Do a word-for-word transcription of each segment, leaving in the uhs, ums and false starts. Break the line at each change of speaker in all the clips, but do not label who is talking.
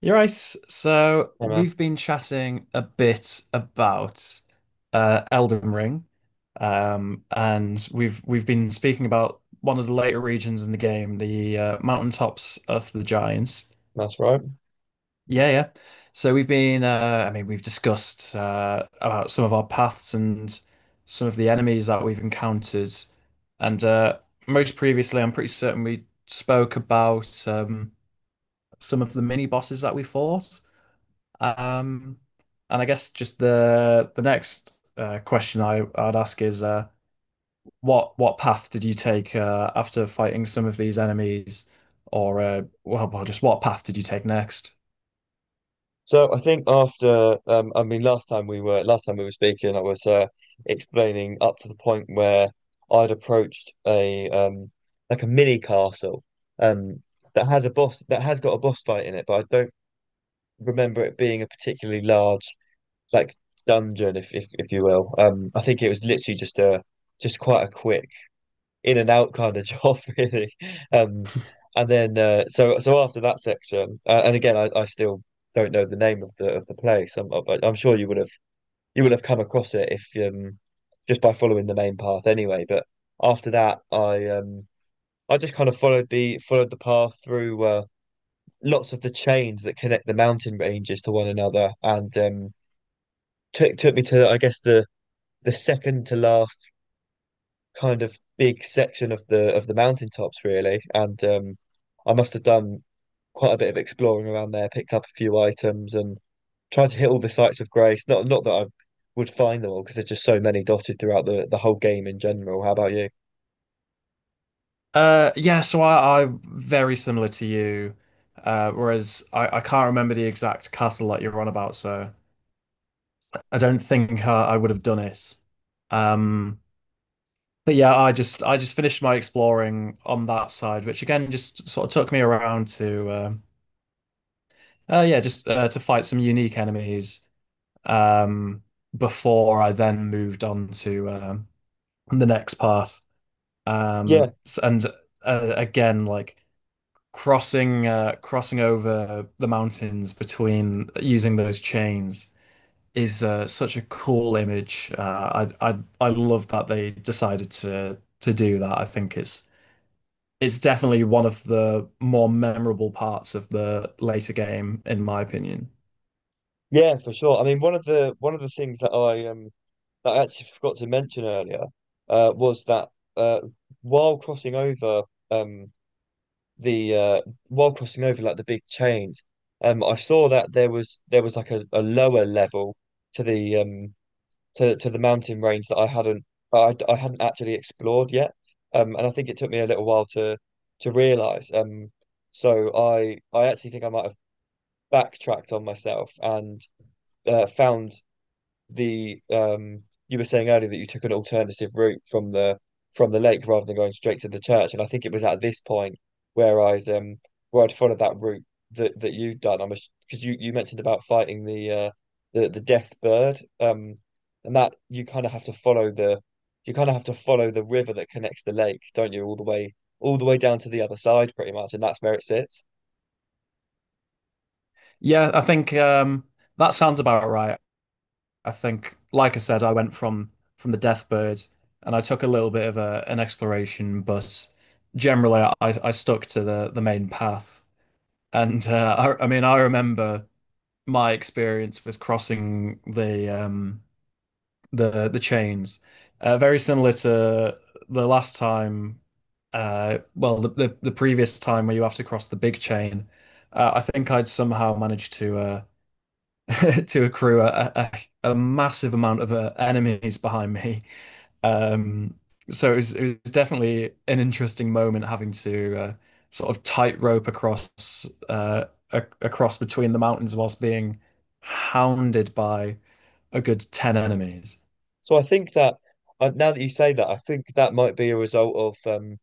You're right. So
Yeah, man,
we've been chatting a bit about uh, Elden Ring, um, and we've we've been speaking about one of the later regions in the game, the uh, mountaintops of the Giants.
that's right.
Yeah, yeah. So we've been, uh, I mean, we've discussed uh, about some of our paths and some of the enemies that we've encountered, and uh, most previously, I'm pretty certain we spoke about um, some of the mini bosses that we fought. Um, and I guess just the the next uh, question I, I'd ask is uh, what what path did you take uh, after fighting some of these enemies, or uh, well, well, just what path did you take next?
So I think after um, I mean, last time we were last time we were speaking, I was uh, explaining up to the point where I'd approached a um like a mini castle um that has a boss that has got a boss fight in it, but I don't remember it being a particularly large like dungeon, if if if you will. Um, I think it was literally just a just quite a quick in and out kind of job, really. Um, and then uh, so so after that section, uh, and again, I, I still don't know the name of the of the place. I'm I- I'm sure you would have you would have come across it if um just by following the main path anyway. But after that, I um I just kind of followed the followed the path through uh, lots of the chains that connect the mountain ranges to one another, and um took took me to I guess the the second to last kind of big section of the of the mountaintops, really. And um I must have done quite a bit of exploring around there, picked up a few items, and tried to hit all the sites of grace. Not not that I would find them all, because there's just so many dotted throughout the the whole game in general. How about you?
Uh, yeah, so I, I very similar to you, uh, whereas I, I can't remember the exact castle that you're on about, so I don't think I, I would have done it. Um, but yeah, I just I just finished my exploring on that side, which again just sort of took me around to. Uh, Uh, yeah, just uh, to fight some unique enemies um, before I then moved on to um, the next part.
Yeah,
Um, s- and uh, Again, like crossing uh, crossing over the mountains between using those chains is uh, such a cool image. Uh, I I I love that they decided to to do that. I think it's it's definitely one of the more memorable parts of the later game, in my opinion.
yeah, for sure. I mean, one of the one of the things that I um that I actually forgot to mention earlier uh was that uh while crossing over um the uh while crossing over like the big chains, um I saw that there was there was like a, a lower level to the um to to the mountain range that I hadn't I, I hadn't actually explored yet. Um, and I think it took me a little while to to realize. Um, so I I actually think I might have backtracked on myself and uh, found the um you were saying earlier that you took an alternative route from the from the lake rather than going straight to the church. And I think it was at this point where I'd um where I'd followed that route that that you'd done. I'm because you you mentioned about fighting the uh the the death bird um, and that you kind of have to follow the you kind of have to follow the river that connects the lake, don't you, all the way all the way down to the other side pretty much, and that's where it sits.
Yeah, I think um, that sounds about right. I think, like I said, I went from from the Deathbird, and I took a little bit of a an exploration, but generally, I I stuck to the the main path. And uh, I, I mean, I remember my experience with crossing the um the the chains, uh, very similar to the last time, uh, well, the, the the previous time where you have to cross the big chain. Uh, I think I'd somehow managed to. Uh, to accrue a, a, a massive amount of uh, enemies behind me. Um, so it was, it was definitely an interesting moment having to uh, sort of tightrope across uh, a, across between the mountains whilst being hounded by a good ten enemies.
So I think that uh, now that you say that, I think that might be a result of um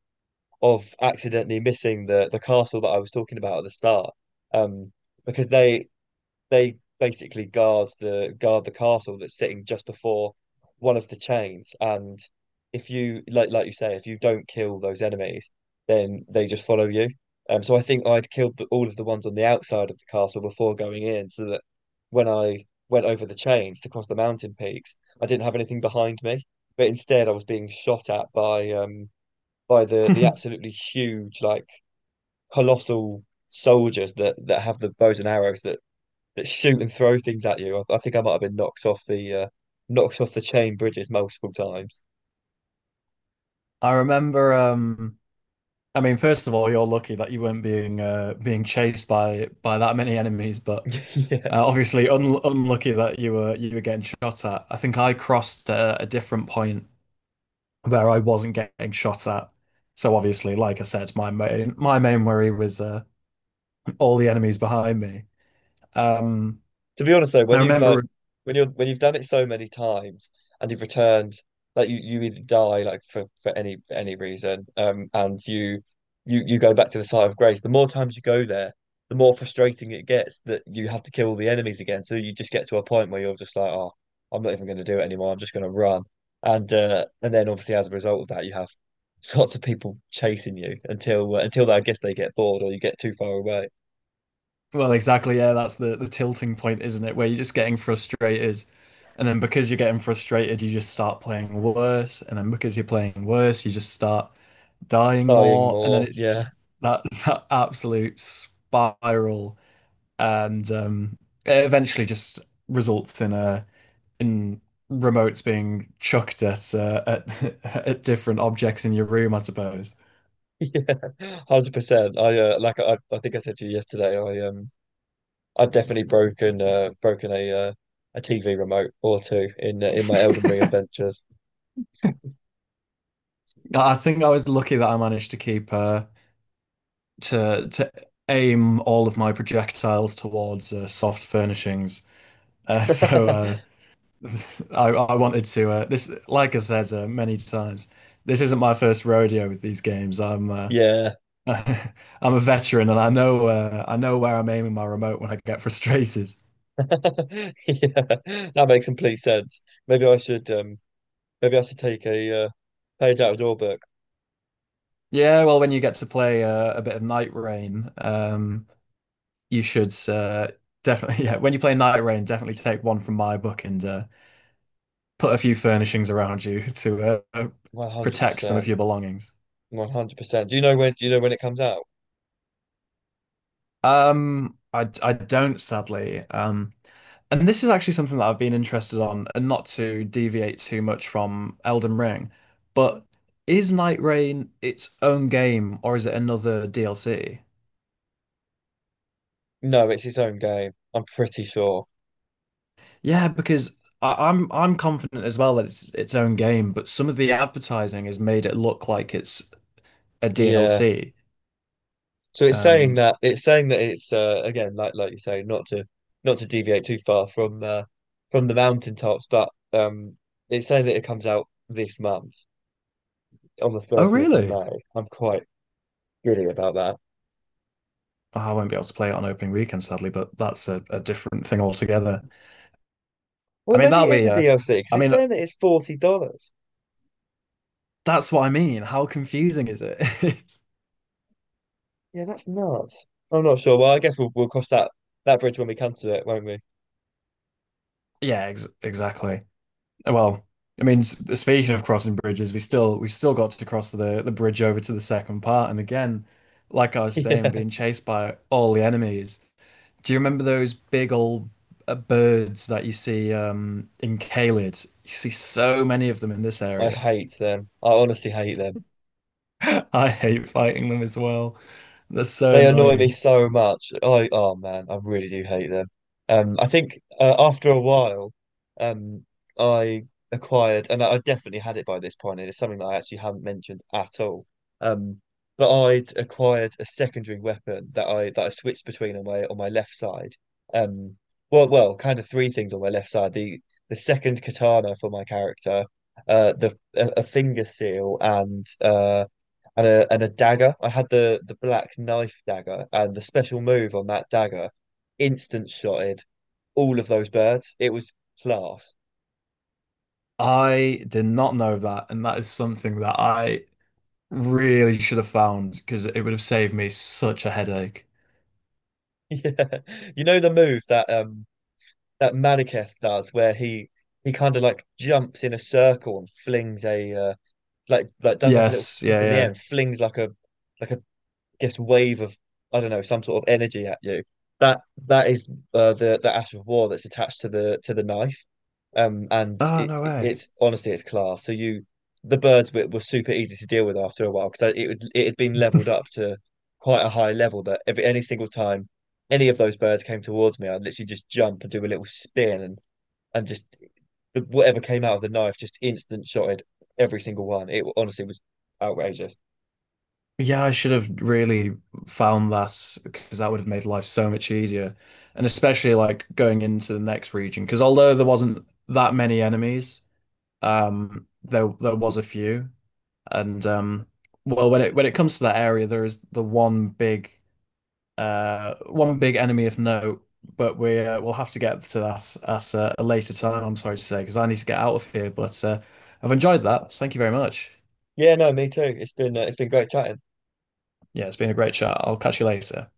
of accidentally missing the the castle that I was talking about at the start. Um, because they they basically guard the guard the castle that's sitting just before one of the chains, and if you like like you say, if you don't kill those enemies, then they just follow you. Um, so I think I'd killed the- all of the ones on the outside of the castle before going in, so that when I went over the chains to cross the mountain peaks, I didn't have anything behind me, but instead I was being shot at by um by the the
I
absolutely huge, like colossal soldiers that that have the bows and arrows that that shoot and throw things at you. I, I think I might have been knocked off the uh, knocked off the chain bridges multiple times.
remember um, I mean, first of all, you're lucky that you weren't being uh, being chased by by that many enemies, but
Yeah.
uh, obviously un unlucky that you were you were getting shot at. I think I crossed a, a different point where I wasn't getting shot at. So obviously, like I said, my main my main worry was uh, all the enemies behind me. Um,
To be honest though,
I
when you've like
remember
when you're when you've done it so many times and you've returned, like you, you either die like for, for any any reason, um, and you you you go back to the site of grace. The more times you go there, the more frustrating it gets that you have to kill the enemies again. So you just get to a point where you're just like, oh, I'm not even going to do it anymore. I'm just going to run, and uh, and then obviously as a result of that, you have lots of people chasing you until uh, until I guess they get bored or you get too far away,
well exactly, yeah, that's the the tilting point, isn't it? Where you're just getting frustrated. And then because you're getting frustrated, you just start playing worse. And then because you're playing worse, you just start dying
dying
more, and then
more.
it's
Yeah.
just that that absolute spiral, and um, it eventually just results in a in remotes being chucked at uh, at at different objects in your room, I suppose.
Yeah, one hundred percent. I uh, like I, I think I said to you yesterday, I um I've definitely broken uh broken a uh, a T V remote or two in uh, in my Elden Ring adventures.
I think I was lucky that I managed to keep uh, to to aim all of my projectiles towards uh, soft furnishings. Uh, so uh, I, I wanted to uh, this like I said uh, many times this isn't my first rodeo with these games I'm uh,
Yeah.
I'm a veteran and I know uh, I know where I'm aiming my remote when I get frustrated
Yeah. That makes complete sense. Maybe I should um maybe I should take a uh, page out of your book.
yeah well when you get to play uh, a bit of Night Rain um you should uh, definitely yeah when you play Night Rain definitely take one from my book and uh, put a few furnishings around you to uh, protect some of
one hundred percent.
your belongings
one hundred percent. Do you know when do you know when it comes out?
Um, I I don't sadly. Um, and this is actually something that I've been interested on, and not to deviate too much from Elden Ring, but is Night Rain its own game or is it another D L C?
No, it's its own game, I'm pretty sure.
Yeah, because I, I'm I'm confident as well that it's its own game, but some of the advertising has made it look like it's a
Yeah.
D L C.
So it's saying
Um,
that it's saying that it's uh, again, like like you say, not to not to deviate too far from uh, from the mountaintops, but um, it's saying that it comes out this month on the
oh
30th of
really?
May. I'm quite giddy about that.
Oh, I won't be able to play it on opening weekend, sadly, but that's a, a different thing altogether.
Well,
I mean,
maybe
that'll
it is
be
a
a
D L C because
I
it's
mean,
saying that it's forty dollars.
that's what I mean. How confusing is it? It's-
Yeah, that's nuts. I'm not sure. Well, I guess we'll we'll cross that that bridge when we come to it, won't we?
yeah, ex exactly. Well, I mean, s- speaking of crossing bridges, we still we've still got to cross the the bridge over to the second part, and again, like I was saying,
Yeah,
being chased by all the enemies. Do you remember those big old uh, birds that you see um, in Caelid? You see so many of them in this
I
area.
hate them. I honestly hate them.
I hate fighting them as well. They're so
They annoy me
annoying.
so much. I oh man, I really do hate them. Um, I think uh, after a while, um, I acquired, and I I definitely had it by this point, and it's something that I actually haven't mentioned at all. Um, but I'd acquired a secondary weapon that I that I switched between on my on my left side. Um, well, well, kind of three things on my left side: the the second katana for my character, uh, the a, a finger seal, and uh and a and a dagger. I had the the black knife dagger, and the special move on that dagger instant shotted all of those birds. It was class.
I did not know that, and that is something that I really should have found because it would have saved me such a headache.
Yeah. You know the move that um that Madaketh does where he he kind of like jumps in a circle and flings a uh, like like does like a little
Yes,
flip
yeah,
in the
yeah.
end, flings like a like a guess wave of, I don't know, some sort of energy at you. That that is uh, the the ash of war that's attached to the to the knife, um, and
Oh,
it
no
it-
way.
it's honestly, it's class. So you the birds were, were super easy to deal with after a while, because it would, it had been leveled up to quite a high level that every any single time any of those birds came towards me, I'd literally just jump and do a little spin and and just whatever came out of the knife just instant shotted every single one. It honestly was outrageous.
Yeah, I should have really found that because that would have made life so much easier. And especially like going into the next region because although there wasn't that many enemies, um there there was a few. And um well when it when it comes to that area there is the one big Uh, one big enemy of note, but we uh, we'll have to get to that at uh, a later time. I'm sorry to say, because I need to get out of here. But uh, I've enjoyed that. Thank you very much.
Yeah, no, me too. It's been uh, it's been great chatting.
Yeah, it's been a great chat. I'll catch you later.